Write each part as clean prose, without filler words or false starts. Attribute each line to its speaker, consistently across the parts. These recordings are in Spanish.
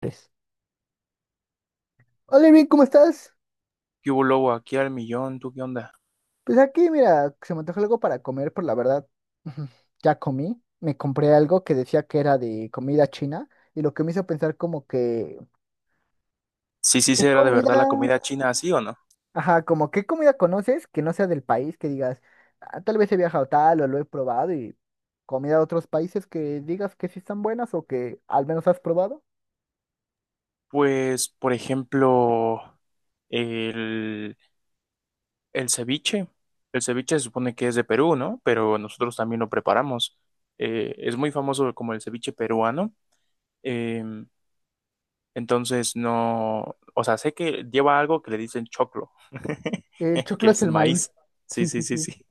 Speaker 1: Pues, hola, bien, ¿cómo estás?
Speaker 2: ¿Qué hubo, lobo? Aquí al millón, ¿tú qué onda?
Speaker 1: Pues aquí, mira, se me antoja algo para comer, pero la verdad, ya comí. Me compré algo que decía que era de comida china y lo que me hizo pensar como que,
Speaker 2: Sí, sí,
Speaker 1: ¿qué
Speaker 2: será de verdad la
Speaker 1: comida?
Speaker 2: comida china así o no.
Speaker 1: Ajá, ¿como qué comida conoces que no sea del país, que digas, "ah, tal vez he viajado tal o lo he probado y comida de otros países que digas que sí están buenas o que al menos has probado.
Speaker 2: Pues, por ejemplo, el, el ceviche. El ceviche se supone que es de Perú, ¿no? Pero nosotros también lo preparamos. Es muy famoso como el ceviche peruano. Eh, entonces, no, o sea, sé que lleva algo que le dicen choclo,
Speaker 1: El
Speaker 2: que
Speaker 1: choclo es
Speaker 2: es el
Speaker 1: el maíz.
Speaker 2: maíz. Sí,
Speaker 1: Sí,
Speaker 2: sí,
Speaker 1: sí,
Speaker 2: sí,
Speaker 1: sí.
Speaker 2: sí.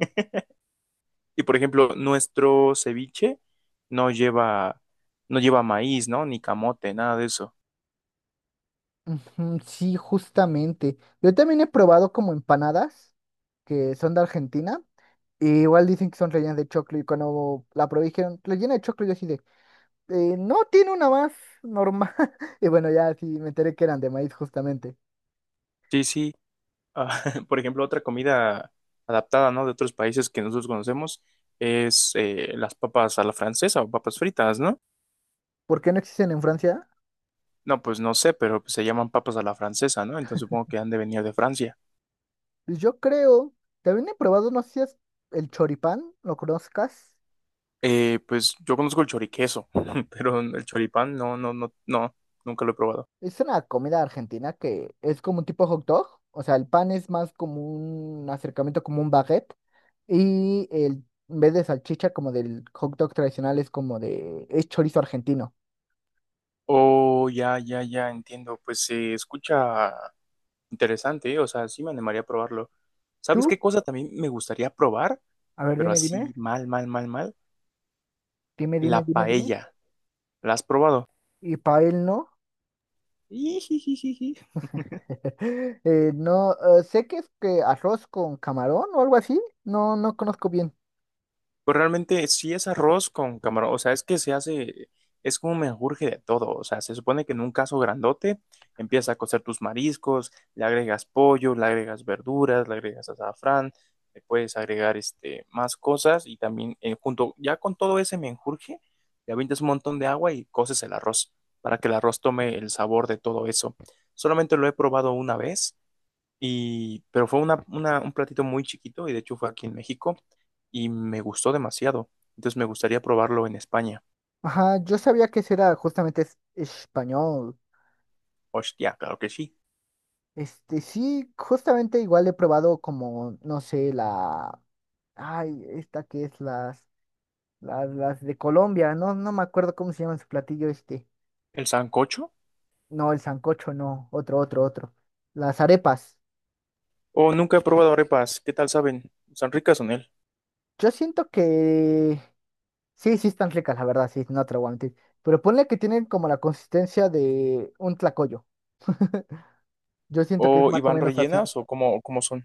Speaker 2: Y por ejemplo, nuestro ceviche no lleva, no lleva maíz, ¿no? Ni camote, nada de eso.
Speaker 1: Ujú, sí, justamente. Yo también he probado como empanadas que son de Argentina. Y igual dicen que son rellenas de choclo y cuando la probé dijeron, rellena de choclo, y yo así de, "eh, no tiene una más normal. Y bueno, ya sí me enteré que eran de maíz justamente.
Speaker 2: Sí, sí. Ah, por ejemplo, otra comida adaptada, ¿no? De otros países que nosotros conocemos es las papas a la francesa o papas fritas, ¿no?
Speaker 1: ¿Por qué no existen en Francia?
Speaker 2: No, pues no sé, pero pues, se llaman papas a la francesa, ¿no? Entonces supongo que han de venir de Francia.
Speaker 1: Pues yo creo, también he probado, no sé si es el choripán, lo conozcas.
Speaker 2: Pues yo conozco el choriqueso, pero el choripán no, no, no, no, nunca lo he probado.
Speaker 1: Es una comida argentina que es como un tipo hot dog. O sea, el pan es más como un acercamiento, como un baguette. Y el, en vez de salchicha, como del hot dog tradicional, es como de, es chorizo argentino.
Speaker 2: Oh, ya, ya, ya, entiendo. Pues se escucha interesante, ¿eh? O sea, sí me animaría a probarlo. ¿Sabes
Speaker 1: ¿Tú?
Speaker 2: qué cosa también me gustaría probar?
Speaker 1: A ver,
Speaker 2: Pero
Speaker 1: dime,
Speaker 2: así
Speaker 1: dime.
Speaker 2: mal, mal, mal, mal.
Speaker 1: Dime, dime,
Speaker 2: La
Speaker 1: dime, dime.
Speaker 2: paella. ¿La has probado?
Speaker 1: Y para él no. No, sé que es que arroz con camarón o algo así. No, no conozco bien.
Speaker 2: Pues realmente sí es arroz con camarón, o sea, es que se hace, es como un menjurje de todo, o sea, se supone que en un caso grandote empiezas a cocer tus mariscos, le agregas pollo, le agregas verduras, le agregas azafrán, le puedes agregar este, más cosas y también junto, ya con todo ese menjurje, le avientas un montón de agua y coces el arroz para que el arroz tome el sabor de todo eso. Solamente lo he probado una vez y, pero fue un platito muy chiquito y de hecho fue aquí en México y me gustó demasiado. Entonces me gustaría probarlo en España.
Speaker 1: Ajá, yo sabía que ese era justamente es- español.
Speaker 2: Hostia, claro que sí.
Speaker 1: Este, sí, justamente igual he probado como, no sé, la... Ay, esta que es las de Colombia. No, no me acuerdo cómo se llama su platillo este.
Speaker 2: ¿El sancocho?
Speaker 1: No, el sancocho, no. Otro, otro, otro. Las arepas.
Speaker 2: O nunca he probado arepas. ¿Qué tal saben? ¿Están ricas son él?
Speaker 1: Yo siento que sí, sí están ricas, la verdad, sí, no te lo voy a mentir. Pero ponle que tienen como la consistencia de un tlacoyo. Yo siento que es
Speaker 2: ¿O
Speaker 1: más o
Speaker 2: Iván
Speaker 1: menos así.
Speaker 2: rellenas o cómo, cómo son?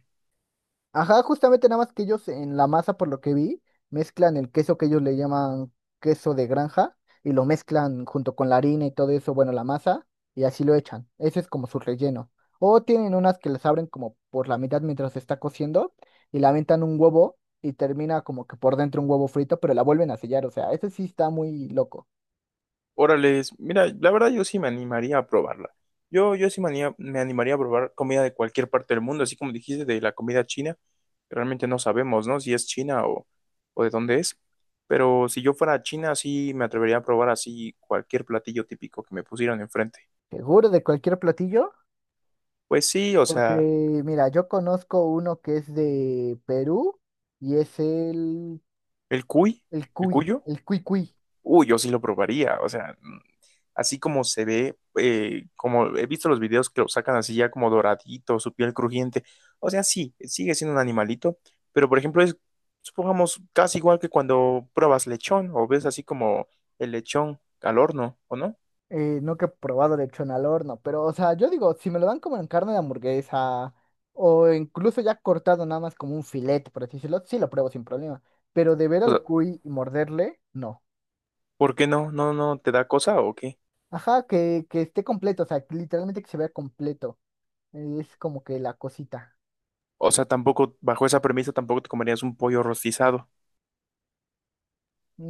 Speaker 1: Ajá, justamente nada más que ellos en la masa, por lo que vi, mezclan el queso que ellos le llaman queso de granja y lo mezclan junto con la harina y todo eso, bueno, la masa, y así lo echan. Ese es como su relleno. O tienen unas que las abren como por la mitad mientras se está cociendo y la aventan un huevo y termina como que por dentro un huevo frito, pero la vuelven a sellar. O sea, ese sí está muy loco.
Speaker 2: Órale, mira, la verdad yo sí me animaría a probarla. Yo sí me animaría a probar comida de cualquier parte del mundo, así como dijiste de la comida china. Realmente no sabemos, ¿no? Si es china o de dónde es. Pero si yo fuera a China, sí me atrevería a probar así cualquier platillo típico que me pusieran enfrente.
Speaker 1: Seguro de cualquier platillo,
Speaker 2: Pues sí, o
Speaker 1: porque
Speaker 2: sea,
Speaker 1: mira, yo conozco uno que es de Perú y es
Speaker 2: el cuy, el cuyo.
Speaker 1: el cuy cuy.
Speaker 2: Uy, yo sí lo probaría, o sea, así como se ve, como he visto los videos que lo sacan así ya como doradito, su piel crujiente, o sea, sí, sigue siendo un animalito, pero por ejemplo es, supongamos, casi igual que cuando pruebas lechón o ves así como el lechón al horno, ¿o no?
Speaker 1: Nunca he probado lechón al horno, pero o sea, yo digo, si me lo dan como en carne de hamburguesa o incluso ya cortado nada más como un filete, por así decirlo, sí lo pruebo sin problema, pero de ver
Speaker 2: O
Speaker 1: al
Speaker 2: sea,
Speaker 1: cuy y morderle, no.
Speaker 2: ¿por qué no? ¿No, no te da cosa o qué?
Speaker 1: Ajá, que esté completo, o sea, que literalmente que se vea completo. Es como que la cosita.
Speaker 2: O sea, tampoco, bajo esa premisa, tampoco te comerías un pollo rostizado.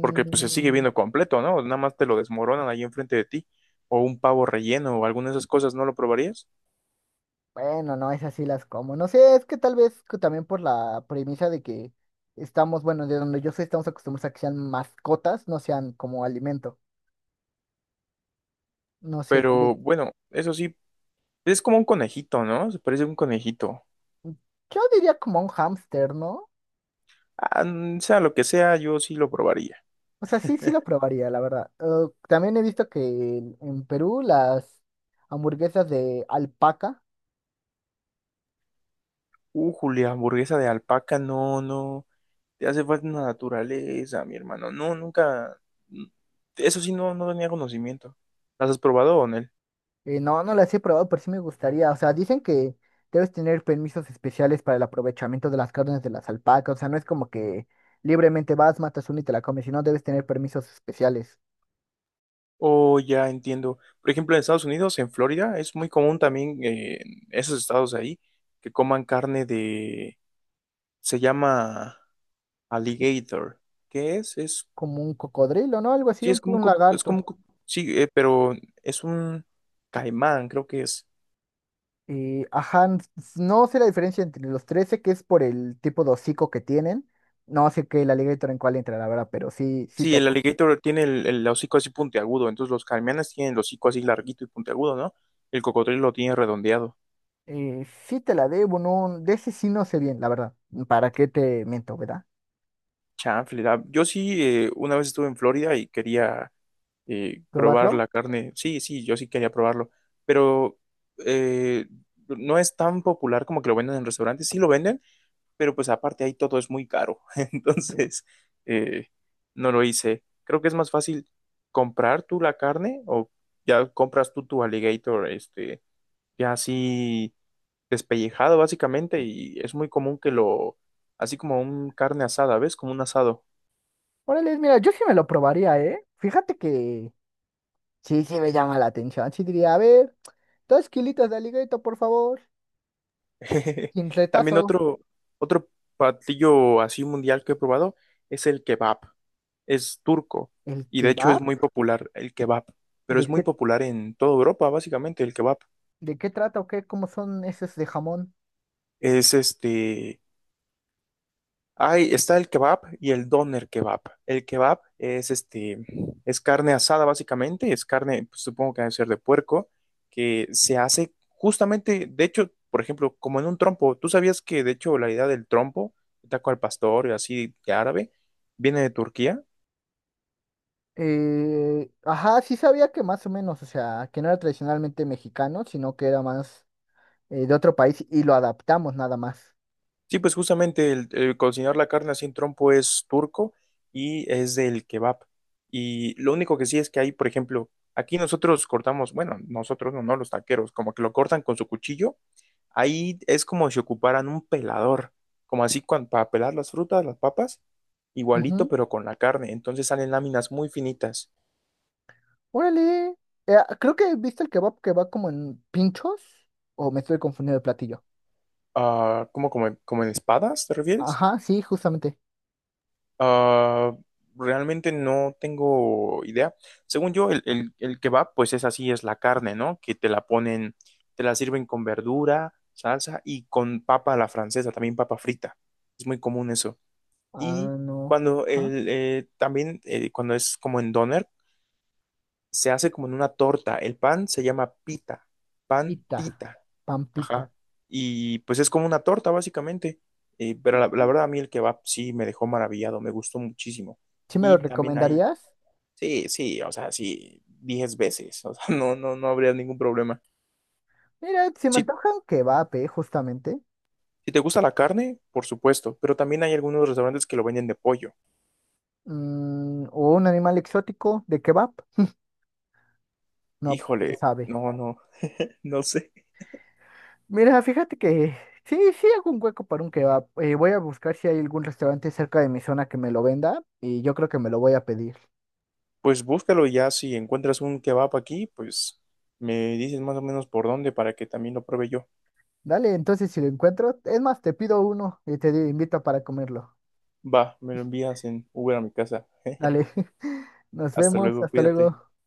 Speaker 2: Porque pues se sigue viendo completo, ¿no? Nada más te lo desmoronan ahí enfrente de ti, o un pavo relleno o alguna de esas cosas, ¿no lo probarías?
Speaker 1: bueno, no, esas sí las como. No sé, es que tal vez que también por la premisa de que estamos, bueno, de donde yo soy, estamos acostumbrados a que sean mascotas, no sean como alimento. No sé, tal vez
Speaker 2: Pero bueno, eso sí, es como un conejito, ¿no? Se parece a un conejito.
Speaker 1: mm, yo diría como un hámster, ¿no?
Speaker 2: Ah, sea lo que sea, yo sí lo probaría.
Speaker 1: O sea, sí, sí lo probaría, la verdad. También he visto que en Perú las hamburguesas de alpaca.
Speaker 2: Julia, hamburguesa de alpaca, no, no, te hace falta una naturaleza, mi hermano, no, nunca, mm, eso sí, no, no tenía conocimiento. ¿Las has probado, Onel?
Speaker 1: No, no las he probado, pero sí me gustaría. O sea, dicen que debes tener permisos especiales para el aprovechamiento de las carnes de las alpacas. O sea, no es como que libremente vas, matas una y te la comes, sino debes tener permisos especiales.
Speaker 2: Oh, ya entiendo. Por ejemplo, en Estados Unidos, en Florida, es muy común también en esos estados ahí que coman carne de, se llama alligator. ¿Qué es?
Speaker 1: Como un cocodrilo, ¿no? Algo así,
Speaker 2: Sí, es como
Speaker 1: un
Speaker 2: es como
Speaker 1: lagarto.
Speaker 2: un co- sí, pero es un caimán, creo que es.
Speaker 1: Y, ajá, n- s- no sé la diferencia entre los tres, sé que es por el tipo de hocico que tienen. No sé qué el alligator en cuál entra, la verdad, pero sí, sí
Speaker 2: Sí, el
Speaker 1: topo.
Speaker 2: alligator tiene el hocico así puntiagudo, entonces los caimanes tienen el hocico así larguito y puntiagudo, ¿no? El cocodrilo lo tiene redondeado.
Speaker 1: Sí te la debo, no, de ese sí no sé bien, la verdad. ¿Para qué te miento, verdad?
Speaker 2: Chanfle, yo sí, una vez estuve en Florida y quería probar
Speaker 1: ¿Probarlo?
Speaker 2: la carne. Sí, sí, yo sí quería probarlo, pero eh, no es tan popular como que lo venden en restaurantes. Sí lo venden, pero pues aparte ahí todo es muy caro. Entonces, eh, no lo hice. Creo que es más fácil comprar tú la carne o ya compras tú tu alligator, este, ya así despellejado básicamente y es muy común que lo, así como un carne asada, ¿ves? Como un asado.
Speaker 1: Órale, mira, yo sí me lo probaría, ¿eh? Fíjate que sí, sí me llama la atención. Sí diría, a ver, dos kilitos de aligueto, por favor. Sin
Speaker 2: También
Speaker 1: retazo.
Speaker 2: otro platillo así mundial que he probado es el kebab. Es turco
Speaker 1: ¿El
Speaker 2: y de hecho es
Speaker 1: kebab?
Speaker 2: muy popular el kebab, pero es
Speaker 1: ¿De
Speaker 2: muy
Speaker 1: qué,
Speaker 2: popular en toda Europa, básicamente el kebab.
Speaker 1: de qué trata o qué? ¿Cómo son esos de jamón?
Speaker 2: Es este, ay, está el kebab y el doner kebab. El kebab es este, es carne asada básicamente, es carne, pues, supongo que debe ser de puerco, que se hace justamente, de hecho, por ejemplo, como en un trompo. ¿Tú sabías que de hecho la idea del trompo, taco al pastor y así de árabe, viene de Turquía?
Speaker 1: Ajá, sí sabía que más o menos, o sea, que no era tradicionalmente mexicano, sino que era más de otro país y lo adaptamos nada más.
Speaker 2: Sí, pues justamente el cocinar la carne así en trompo es turco y es del kebab. Y lo único que sí es que hay, por ejemplo, aquí nosotros cortamos, bueno, nosotros no, no, los taqueros, como que lo cortan con su cuchillo. Ahí es como si ocuparan un pelador, como así para pelar las frutas, las papas, igualito,
Speaker 1: Ujú.
Speaker 2: pero con la carne. Entonces salen láminas muy finitas.
Speaker 1: Órale. Creo que viste el kebab que va como en pinchos, o me estoy confundiendo de platillo.
Speaker 2: Ah, ¿cómo como, como en espadas, te refieres?
Speaker 1: Ajá, sí, justamente.
Speaker 2: Ah, realmente no tengo idea. Según yo, el kebab, pues es así, es la carne, ¿no? Que te la ponen, te la sirven con verdura, salsa y con papa a la francesa, también papa frita. Es muy común eso. Y cuando
Speaker 1: Anoja,
Speaker 2: también, cuando es como en doner, se hace como en una torta. El pan se llama pita, pan
Speaker 1: pita,
Speaker 2: pita.
Speaker 1: pampita.
Speaker 2: Ajá. Y pues es como una torta, básicamente. Pero la verdad, a mí el kebab sí me dejó maravillado, me gustó muchísimo.
Speaker 1: ¿Sí me lo
Speaker 2: Y también hay,
Speaker 1: recomendarías?
Speaker 2: sí, sí, o sea, sí, 10 veces, o sea, no, no, no habría ningún problema.
Speaker 1: Mira, si me
Speaker 2: Si,
Speaker 1: antoja un kebab, justamente.
Speaker 2: si te gusta la carne, por supuesto, pero también hay algunos restaurantes que lo venden de pollo.
Speaker 1: Mm, o un animal exótico de kebab. No, pues quién
Speaker 2: Híjole,
Speaker 1: sabe.
Speaker 2: no, no, no sé.
Speaker 1: Mira, fíjate que sí, sí hago un hueco para un kebab. Voy a buscar si hay algún restaurante cerca de mi zona que me lo venda y yo creo que me lo voy a pedir.
Speaker 2: Pues búscalo y ya, si encuentras un kebab aquí, pues me dices más o menos por dónde para que también lo pruebe yo.
Speaker 1: Dale, entonces si lo encuentro, es más, te pido uno y te di- invito para comerlo.
Speaker 2: Va, me lo envías en Uber a mi casa.
Speaker 1: Dale, nos
Speaker 2: Hasta
Speaker 1: vemos,
Speaker 2: luego,
Speaker 1: hasta
Speaker 2: cuídate.
Speaker 1: luego.